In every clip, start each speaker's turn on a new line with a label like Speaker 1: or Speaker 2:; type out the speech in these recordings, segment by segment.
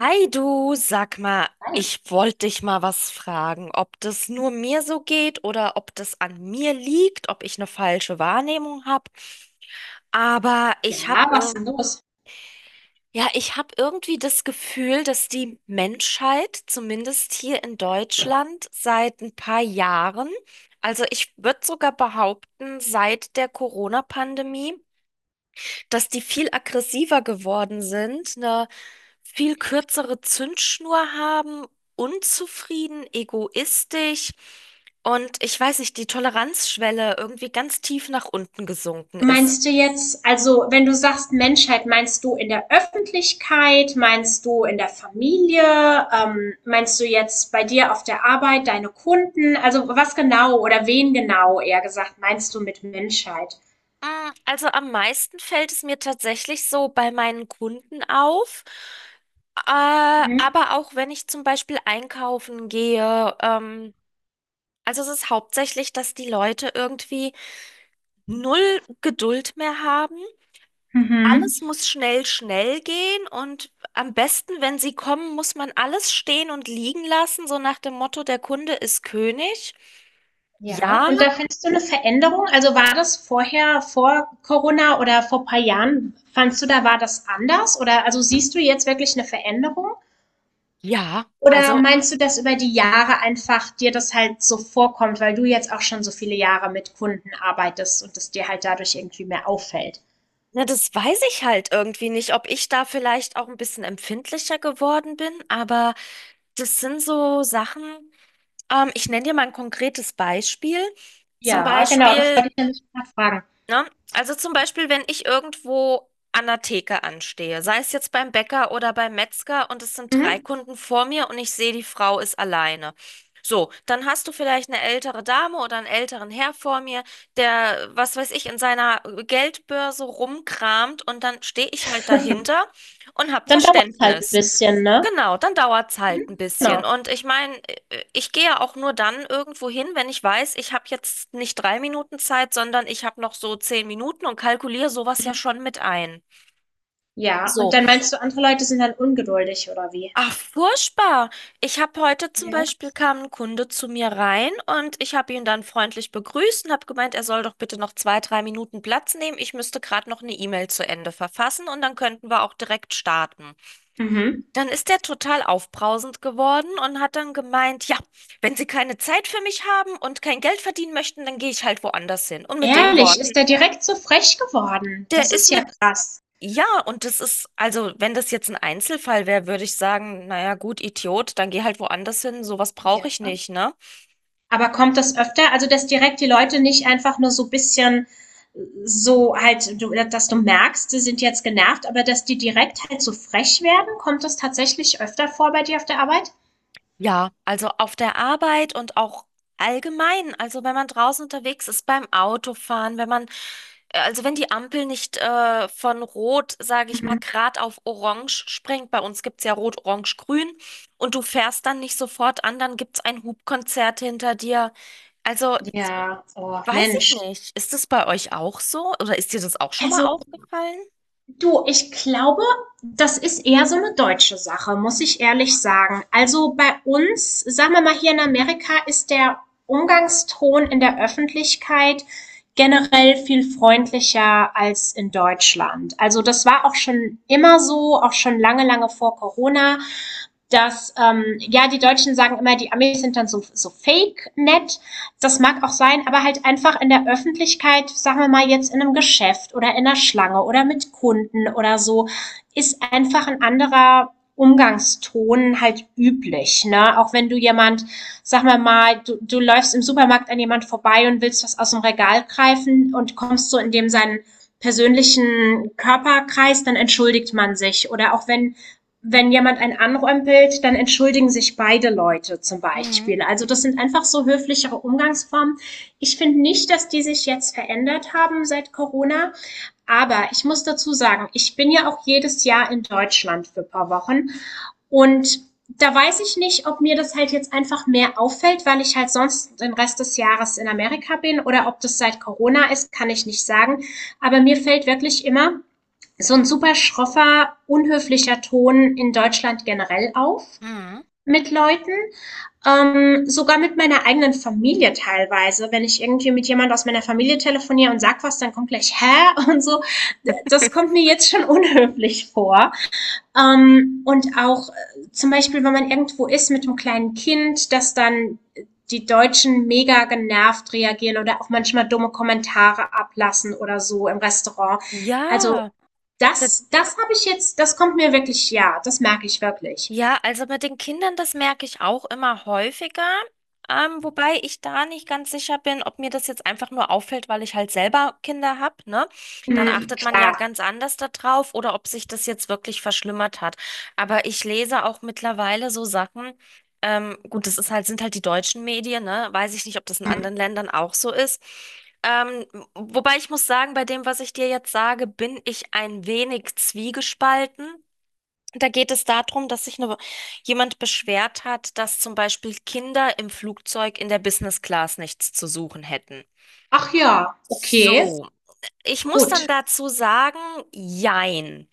Speaker 1: Hi du, sag mal, ich wollte dich mal was fragen, ob das nur mir so geht oder ob das an mir liegt, ob ich eine falsche Wahrnehmung habe. Aber ich habe
Speaker 2: Ja, was ist
Speaker 1: ir
Speaker 2: denn los?
Speaker 1: ja, ich habe irgendwie das Gefühl, dass die Menschheit, zumindest hier in Deutschland, seit ein paar Jahren, also ich würde sogar behaupten, seit der Corona-Pandemie, dass die viel aggressiver geworden sind, eine viel kürzere Zündschnur haben, unzufrieden, egoistisch und ich weiß nicht, die Toleranzschwelle irgendwie ganz tief nach unten gesunken ist.
Speaker 2: Meinst du jetzt, also wenn du sagst Menschheit, meinst du in der Öffentlichkeit, meinst du in der Familie, meinst du jetzt bei dir auf der Arbeit, deine Kunden, also was genau oder wen genau eher gesagt meinst du mit Menschheit?
Speaker 1: Also am meisten fällt es mir tatsächlich so bei meinen Kunden auf.
Speaker 2: Mhm.
Speaker 1: Aber auch wenn ich zum Beispiel einkaufen gehe, also es ist hauptsächlich, dass die Leute irgendwie null Geduld mehr haben.
Speaker 2: Mhm.
Speaker 1: Alles muss schnell, schnell gehen und am besten, wenn sie kommen, muss man alles stehen und liegen lassen, so nach dem Motto, der Kunde ist König.
Speaker 2: Ja,
Speaker 1: Ja,
Speaker 2: und da findest du eine Veränderung? Also war das vorher, vor Corona oder vor ein paar Jahren, fandst du da war das anders? Oder also siehst du jetzt wirklich eine Veränderung?
Speaker 1: ja,
Speaker 2: Oder
Speaker 1: also,
Speaker 2: meinst du, dass über die Jahre einfach dir das halt so vorkommt, weil du jetzt auch schon so viele Jahre mit Kunden arbeitest und es dir halt dadurch irgendwie mehr auffällt?
Speaker 1: ne, das weiß ich halt irgendwie nicht, ob ich da vielleicht auch ein bisschen empfindlicher geworden bin, aber das sind so Sachen, ich nenne dir mal ein konkretes Beispiel. Zum
Speaker 2: Ja, genau, das
Speaker 1: Beispiel
Speaker 2: wollte ich nämlich gerade fragen.
Speaker 1: Ne? Also zum Beispiel, wenn ich irgendwo an der Theke anstehe, sei es jetzt beim Bäcker oder beim Metzger und es sind drei
Speaker 2: Mhm.
Speaker 1: Kunden vor mir und ich sehe, die Frau ist alleine. So, dann hast du vielleicht eine ältere Dame oder einen älteren Herr vor mir, der, was weiß ich, in seiner Geldbörse rumkramt und dann stehe ich halt dahinter und habe
Speaker 2: Dann dauert es halt ein
Speaker 1: Verständnis.
Speaker 2: bisschen, ne?
Speaker 1: Genau, dann dauert's halt ein
Speaker 2: Mhm.
Speaker 1: bisschen.
Speaker 2: Genau.
Speaker 1: Und ich meine, ich gehe ja auch nur dann irgendwo hin, wenn ich weiß, ich habe jetzt nicht drei Minuten Zeit, sondern ich habe noch so zehn Minuten und kalkuliere sowas ja schon mit ein.
Speaker 2: Ja, und
Speaker 1: So.
Speaker 2: dann meinst du, andere Leute sind dann ungeduldig oder wie?
Speaker 1: Ach, furchtbar. Ich habe heute zum
Speaker 2: Ja.
Speaker 1: Beispiel, kam ein Kunde zu mir rein und ich habe ihn dann freundlich begrüßt und habe gemeint, er soll doch bitte noch zwei, drei Minuten Platz nehmen. Ich müsste gerade noch eine E-Mail zu Ende verfassen und dann könnten wir auch direkt starten.
Speaker 2: Mhm.
Speaker 1: Dann ist der total aufbrausend geworden und hat dann gemeint, ja, wenn Sie keine Zeit für mich haben und kein Geld verdienen möchten, dann gehe ich halt woanders hin. Und mit den
Speaker 2: Ehrlich,
Speaker 1: Worten,
Speaker 2: ist der direkt so frech geworden?
Speaker 1: der
Speaker 2: Das
Speaker 1: ist
Speaker 2: ist
Speaker 1: mit,
Speaker 2: ja krass.
Speaker 1: Ja, und das ist, also wenn das jetzt ein Einzelfall wäre, würde ich sagen, naja, gut, Idiot, dann geh halt woanders hin, sowas brauche
Speaker 2: Ja.
Speaker 1: ich nicht, ne?
Speaker 2: Aber kommt das öfter? Also, dass direkt die Leute nicht einfach nur so ein bisschen so halt, du, dass du merkst, sie sind jetzt genervt, aber dass die direkt halt so frech werden, kommt das tatsächlich öfter vor bei dir auf der Arbeit?
Speaker 1: Ja, also auf der Arbeit und auch allgemein, also wenn man draußen unterwegs ist, beim Autofahren, wenn man, also wenn die Ampel nicht von Rot, sage ich mal,
Speaker 2: Mhm.
Speaker 1: grad auf Orange springt, bei uns gibt's ja Rot, Orange, Grün, und du fährst dann nicht sofort an, dann gibt's ein Hupkonzert hinter dir. Also
Speaker 2: Ja, oh
Speaker 1: weiß ich
Speaker 2: Mensch.
Speaker 1: nicht, ist das bei euch auch so oder ist dir das auch schon mal
Speaker 2: Also
Speaker 1: aufgefallen?
Speaker 2: du, ich glaube, das ist eher so eine deutsche Sache, muss ich ehrlich sagen. Also, bei uns, sagen wir mal hier in Amerika, ist der Umgangston in der Öffentlichkeit generell viel freundlicher als in Deutschland. Also, das war auch schon immer so, auch schon lange, lange vor Corona, dass, ja, die Deutschen sagen immer, die Amis sind dann so fake nett, das mag auch sein, aber halt einfach in der Öffentlichkeit, sagen wir mal jetzt in einem Geschäft oder in der Schlange oder mit Kunden oder so, ist einfach ein anderer Umgangston halt üblich. Ne? Auch wenn du jemand, sag mal, du läufst im Supermarkt an jemand vorbei und willst was aus dem Regal greifen und kommst so in dem seinen persönlichen Körperkreis, dann entschuldigt man sich. Oder auch wenn jemand einen anrempelt, dann entschuldigen sich beide Leute zum
Speaker 1: Mhm.
Speaker 2: Beispiel. Also das sind einfach so höflichere Umgangsformen. Ich finde nicht, dass die sich jetzt verändert haben seit Corona. Aber ich muss dazu sagen, ich bin ja auch jedes Jahr in Deutschland für ein paar Wochen. Und da weiß ich nicht, ob mir das halt jetzt einfach mehr auffällt, weil ich halt sonst den Rest des Jahres in Amerika bin oder ob das seit Corona ist, kann ich nicht sagen. Aber mir fällt wirklich immer so ein super schroffer, unhöflicher Ton in Deutschland generell auf
Speaker 1: Mhm.
Speaker 2: mit Leuten, sogar mit meiner eigenen Familie teilweise. Wenn ich irgendwie mit jemand aus meiner Familie telefoniere und sag was, dann kommt gleich hä und so. Das kommt mir jetzt schon unhöflich vor. Und auch zum Beispiel, wenn man irgendwo ist mit einem kleinen Kind, dass dann die Deutschen mega genervt reagieren oder auch manchmal dumme Kommentare ablassen oder so im Restaurant. Also
Speaker 1: Ja,
Speaker 2: das habe ich jetzt das kommt mir wirklich ja, das merke ich wirklich.
Speaker 1: ja, also mit den Kindern, das merke ich auch immer häufiger. Wobei ich da nicht ganz sicher bin, ob mir das jetzt einfach nur auffällt, weil ich halt selber Kinder habe, ne? Dann
Speaker 2: Mhm,
Speaker 1: achtet man ja
Speaker 2: klar.
Speaker 1: ganz anders da drauf oder ob sich das jetzt wirklich verschlimmert hat. Aber ich lese auch mittlerweile so Sachen. Gut, das ist halt, sind halt die deutschen Medien, ne? Weiß ich nicht, ob das in
Speaker 2: Mhm.
Speaker 1: anderen Ländern auch so ist. Ähm, Wobei ich muss sagen, bei dem, was ich dir jetzt sage, bin ich ein wenig zwiegespalten. Da geht es darum, dass sich eine, jemand beschwert hat, dass zum Beispiel Kinder im Flugzeug in der Business Class nichts zu suchen hätten.
Speaker 2: Ach ja, okay,
Speaker 1: So, ich muss dann
Speaker 2: gut.
Speaker 1: dazu sagen, jein.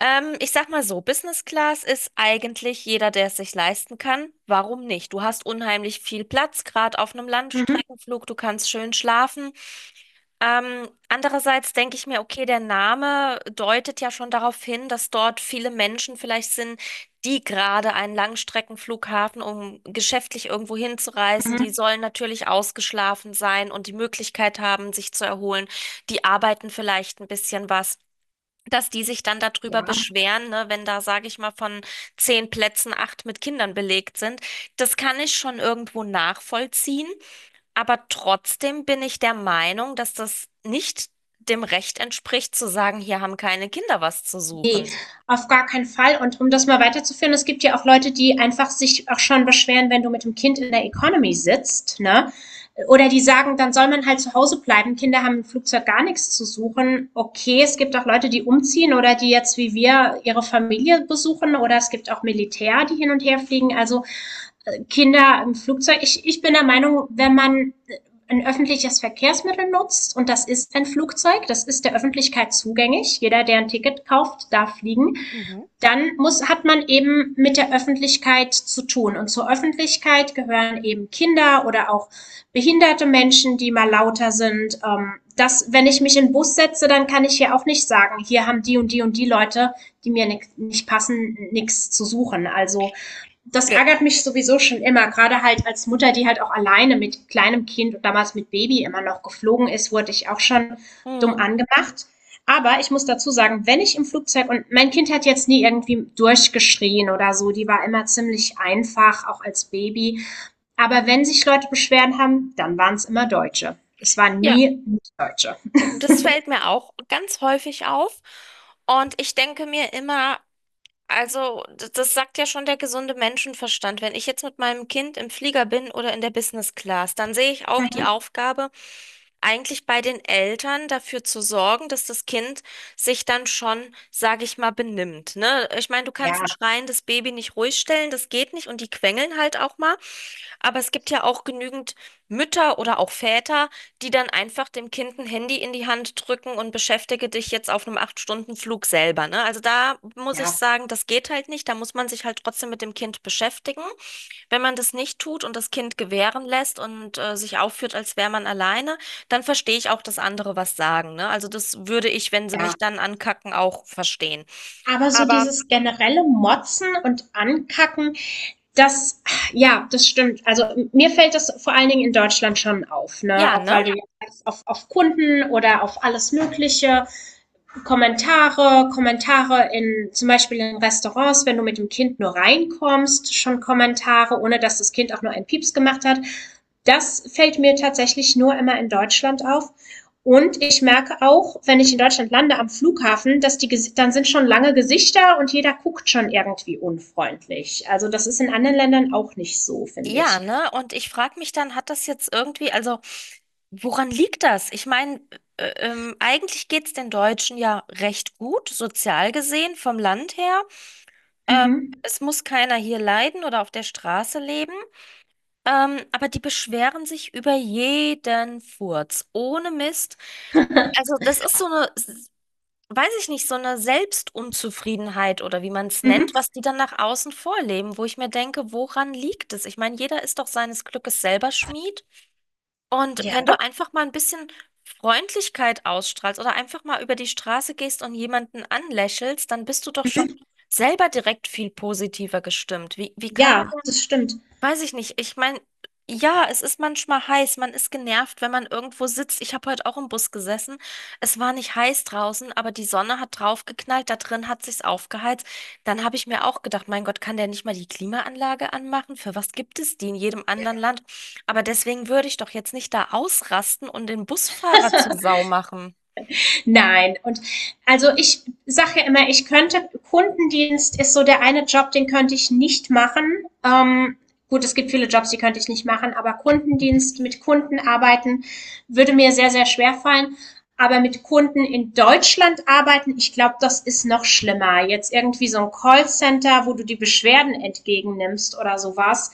Speaker 1: Ich sag mal so, Business Class ist eigentlich jeder, der es sich leisten kann. Warum nicht? Du hast unheimlich viel Platz, gerade auf einem
Speaker 2: Mhm,
Speaker 1: Langstreckenflug, du kannst schön schlafen. Andererseits denke ich mir, okay, der Name deutet ja schon darauf hin, dass dort viele Menschen vielleicht sind, die gerade einen Langstreckenflughafen, um geschäftlich irgendwo hinzureisen,
Speaker 2: mhm.
Speaker 1: die sollen natürlich ausgeschlafen sein und die Möglichkeit haben, sich zu erholen. Die arbeiten vielleicht ein bisschen was. Dass die sich dann darüber
Speaker 2: Ja,
Speaker 1: beschweren, ne, wenn da, sage ich mal, von zehn Plätzen acht mit Kindern belegt sind, das kann ich schon irgendwo nachvollziehen. Aber trotzdem bin ich der Meinung, dass das nicht dem Recht entspricht, zu sagen, hier haben keine Kinder was zu
Speaker 2: nee,
Speaker 1: suchen.
Speaker 2: auf gar keinen Fall. Und um das mal weiterzuführen, es gibt ja auch Leute, die einfach sich auch schon beschweren, wenn du mit dem Kind in der Economy sitzt, ne? Oder die sagen, dann soll man halt zu Hause bleiben. Kinder haben im Flugzeug gar nichts zu suchen. Okay, es gibt auch Leute, die umziehen oder die jetzt wie wir ihre Familie besuchen oder es gibt auch Militär, die hin und her fliegen. Also Kinder im Flugzeug. Ich bin der Meinung, wenn man ein öffentliches Verkehrsmittel nutzt, und das ist ein Flugzeug, das ist der Öffentlichkeit zugänglich, jeder, der ein Ticket kauft, darf fliegen,
Speaker 1: Mhm.
Speaker 2: dann muss, hat man eben mit der Öffentlichkeit zu tun. Und zur Öffentlichkeit gehören eben Kinder oder auch behinderte Menschen, die mal lauter sind. Das, wenn ich mich in den Bus setze, dann kann ich hier auch nicht sagen, hier haben die Leute, die mir nicht passen, nichts zu suchen. Also das
Speaker 1: Ge
Speaker 2: ärgert mich sowieso schon immer, gerade halt als Mutter, die halt auch alleine mit kleinem Kind und damals mit Baby immer noch geflogen ist, wurde ich auch schon dumm
Speaker 1: Mhm.
Speaker 2: angemacht. Aber ich muss dazu sagen, wenn ich im Flugzeug und mein Kind hat jetzt nie irgendwie durchgeschrien oder so, die war immer ziemlich einfach, auch als Baby. Aber wenn sich Leute Beschwerden haben, dann waren es immer Deutsche. Es waren
Speaker 1: Ja,
Speaker 2: nie Deutsche.
Speaker 1: das fällt mir auch ganz häufig auf. Und ich denke mir immer, das sagt ja schon der gesunde Menschenverstand. Wenn ich jetzt mit meinem Kind im Flieger bin oder in der Business Class, dann sehe ich auch die Aufgabe, eigentlich bei den Eltern dafür zu sorgen, dass das Kind sich dann schon, sage ich mal, benimmt. Ne? Ich meine, du kannst ein
Speaker 2: Ja,
Speaker 1: schreiendes Baby nicht ruhig stellen, das geht nicht und die quengeln halt auch mal. Aber es gibt ja auch genügend Mütter oder auch Väter, die dann einfach dem Kind ein Handy in die Hand drücken und beschäftige dich jetzt auf einem Acht-Stunden-Flug selber, ne? Also da muss ich sagen, das geht halt nicht. Da muss man sich halt trotzdem mit dem Kind beschäftigen. Wenn man das nicht tut und das Kind gewähren lässt und sich aufführt, als wäre man alleine, dann verstehe ich auch, dass andere was sagen, ne? Also das würde ich, wenn sie
Speaker 2: ja.
Speaker 1: mich dann ankacken, auch verstehen.
Speaker 2: Aber so
Speaker 1: Aber
Speaker 2: dieses generelle Motzen und Ankacken, das, ja, das stimmt. Also mir fällt das vor allen Dingen in Deutschland schon auf, ne?
Speaker 1: ja,
Speaker 2: Auch
Speaker 1: ne?
Speaker 2: weil du auf Kunden oder auf alles Mögliche Kommentare, Kommentare in zum Beispiel in Restaurants, wenn du mit dem Kind nur reinkommst, schon Kommentare, ohne dass das Kind auch nur einen Pieps gemacht hat. Das fällt mir tatsächlich nur immer in Deutschland auf. Und ich merke auch, wenn ich in Deutschland lande am Flughafen, dass die dann sind schon lange Gesichter und jeder guckt schon irgendwie unfreundlich. Also das ist in anderen Ländern auch nicht so, finde
Speaker 1: Ja,
Speaker 2: ich.
Speaker 1: ne? Und ich frage mich dann, hat das jetzt irgendwie, also woran liegt das? Ich meine, eigentlich geht es den Deutschen ja recht gut, sozial gesehen, vom Land her. Ähm,
Speaker 2: Mhm.
Speaker 1: Es muss keiner hier leiden oder auf der Straße leben. Aber die beschweren sich über jeden Furz, ohne Mist. Also das ist so eine, weiß ich nicht, so eine Selbstunzufriedenheit oder wie man es nennt,
Speaker 2: mhm.
Speaker 1: was die dann nach außen vorleben, wo ich mir denke, woran liegt es? Ich meine, jeder ist doch seines Glückes selber Schmied. Und wenn
Speaker 2: Ja.
Speaker 1: du einfach mal ein bisschen Freundlichkeit ausstrahlst oder einfach mal über die Straße gehst und jemanden anlächelst, dann bist du doch schon
Speaker 2: Mhm.
Speaker 1: selber direkt viel positiver gestimmt. Wie kann man
Speaker 2: Ja, das
Speaker 1: denn?
Speaker 2: stimmt.
Speaker 1: Weiß ich nicht. Ich meine, ja, es ist manchmal heiß. Man ist genervt, wenn man irgendwo sitzt. Ich habe heute auch im Bus gesessen. Es war nicht heiß draußen, aber die Sonne hat draufgeknallt. Da drin hat sich's aufgeheizt. Dann habe ich mir auch gedacht, mein Gott, kann der nicht mal die Klimaanlage anmachen? Für was gibt es die in jedem anderen Land? Aber deswegen würde ich doch jetzt nicht da ausrasten und den Busfahrer zur Sau machen.
Speaker 2: Nein, und also ich sage ja immer, ich könnte, Kundendienst ist so der eine Job, den könnte ich nicht machen. Gut, es gibt viele Jobs, die könnte ich nicht machen, aber Kundendienst, mit Kunden arbeiten, würde mir sehr, sehr schwer fallen. Aber mit Kunden in Deutschland arbeiten, ich glaube, das ist noch schlimmer. Jetzt irgendwie so ein Callcenter, wo du die Beschwerden entgegennimmst oder sowas.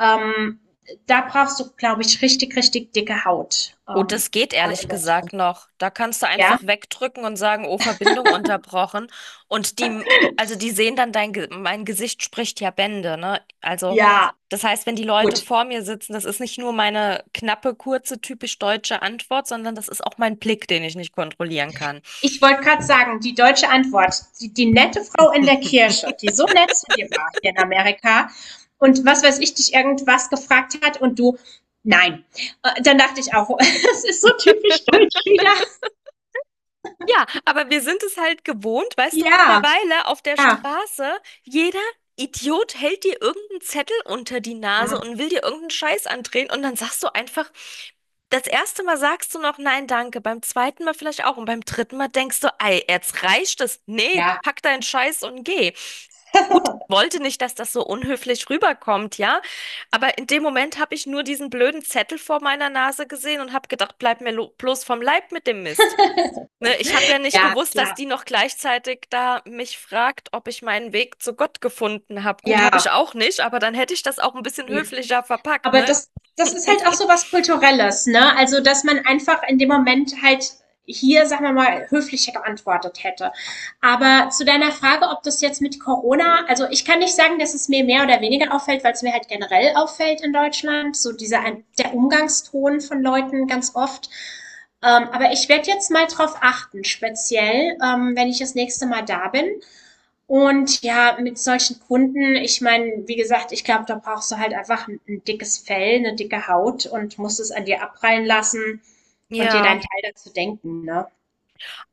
Speaker 2: Ähm, da brauchst du, glaube ich, richtig, richtig dicke Haut.
Speaker 1: Oh, das geht
Speaker 2: Gerade
Speaker 1: ehrlich
Speaker 2: in
Speaker 1: gesagt
Speaker 2: Deutschland.
Speaker 1: noch. Da kannst du
Speaker 2: Ja?
Speaker 1: einfach wegdrücken und sagen, oh, Verbindung unterbrochen. Und die, also die sehen dann dein, mein Gesicht spricht ja Bände, ne? Also,
Speaker 2: Ja,
Speaker 1: das heißt, wenn die Leute
Speaker 2: gut.
Speaker 1: vor mir sitzen, das ist nicht nur meine knappe, kurze, typisch deutsche Antwort, sondern das ist auch mein Blick, den ich nicht kontrollieren kann.
Speaker 2: Ich wollte gerade sagen, die deutsche Antwort, die, die nette Frau in der Kirche, die so nett zu dir war hier in Amerika und was weiß ich, dich irgendwas gefragt hat und du, nein. Dann dachte ich auch, es ist so typisch deutsch wieder.
Speaker 1: Ja, aber wir sind es halt gewohnt, weißt du,
Speaker 2: Ja,
Speaker 1: mittlerweile auf der
Speaker 2: ja,
Speaker 1: Straße, jeder Idiot hält dir irgendeinen Zettel unter die
Speaker 2: ja,
Speaker 1: Nase und will dir irgendeinen Scheiß andrehen und dann sagst du einfach, das erste Mal sagst du noch nein, danke, beim zweiten Mal vielleicht auch und beim dritten Mal denkst du, ei, jetzt reicht es. Nee,
Speaker 2: ja,
Speaker 1: pack deinen Scheiß und geh. Gut, ich wollte nicht, dass das so unhöflich rüberkommt, ja, aber in dem Moment habe ich nur diesen blöden Zettel vor meiner Nase gesehen und habe gedacht, bleib mir bloß vom Leib mit dem Mist. Ne, ich habe ja nicht gewusst, dass
Speaker 2: klar,
Speaker 1: die noch gleichzeitig da mich fragt, ob ich meinen Weg zu Gott gefunden habe. Gut,
Speaker 2: ja,
Speaker 1: habe ich auch nicht, aber dann hätte ich das auch ein bisschen
Speaker 2: ja.
Speaker 1: höflicher verpackt,
Speaker 2: Aber
Speaker 1: ne?
Speaker 2: das ist halt auch so was Kulturelles, ne? Also, dass man einfach in dem Moment halt hier, sagen wir mal, höflicher geantwortet hätte. Aber zu deiner Frage, ob das jetzt mit Corona, also ich kann nicht sagen, dass es mir mehr oder weniger auffällt, weil es mir halt generell auffällt in Deutschland, so dieser
Speaker 1: Hm.
Speaker 2: der Umgangston von Leuten ganz oft. Aber ich werde jetzt mal drauf achten, speziell, wenn ich das nächste Mal da bin. Und ja, mit solchen Kunden, ich meine, wie gesagt, ich glaube, da brauchst du halt einfach ein dickes Fell, eine dicke Haut und musst es an dir abprallen lassen und dir
Speaker 1: Ja.
Speaker 2: deinen Teil dazu denken, ne?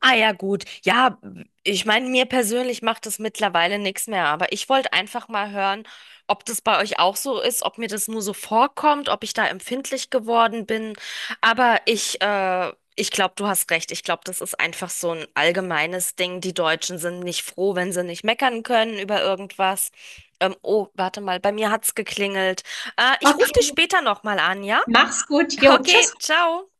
Speaker 1: Ah ja, gut. Ja, ich meine, mir persönlich macht das mittlerweile nichts mehr, aber ich wollte einfach mal hören, ob das bei euch auch so ist, ob mir das nur so vorkommt, ob ich da empfindlich geworden bin. Aber ich, ich glaube, du hast recht. Ich glaube, das ist einfach so ein allgemeines Ding. Die Deutschen sind nicht froh, wenn sie nicht meckern können über irgendwas. Oh, warte mal, bei mir hat's geklingelt. Ich rufe dich
Speaker 2: Okay,
Speaker 1: später nochmal an, ja?
Speaker 2: mach's gut. Jo, tschüss.
Speaker 1: Okay, ciao.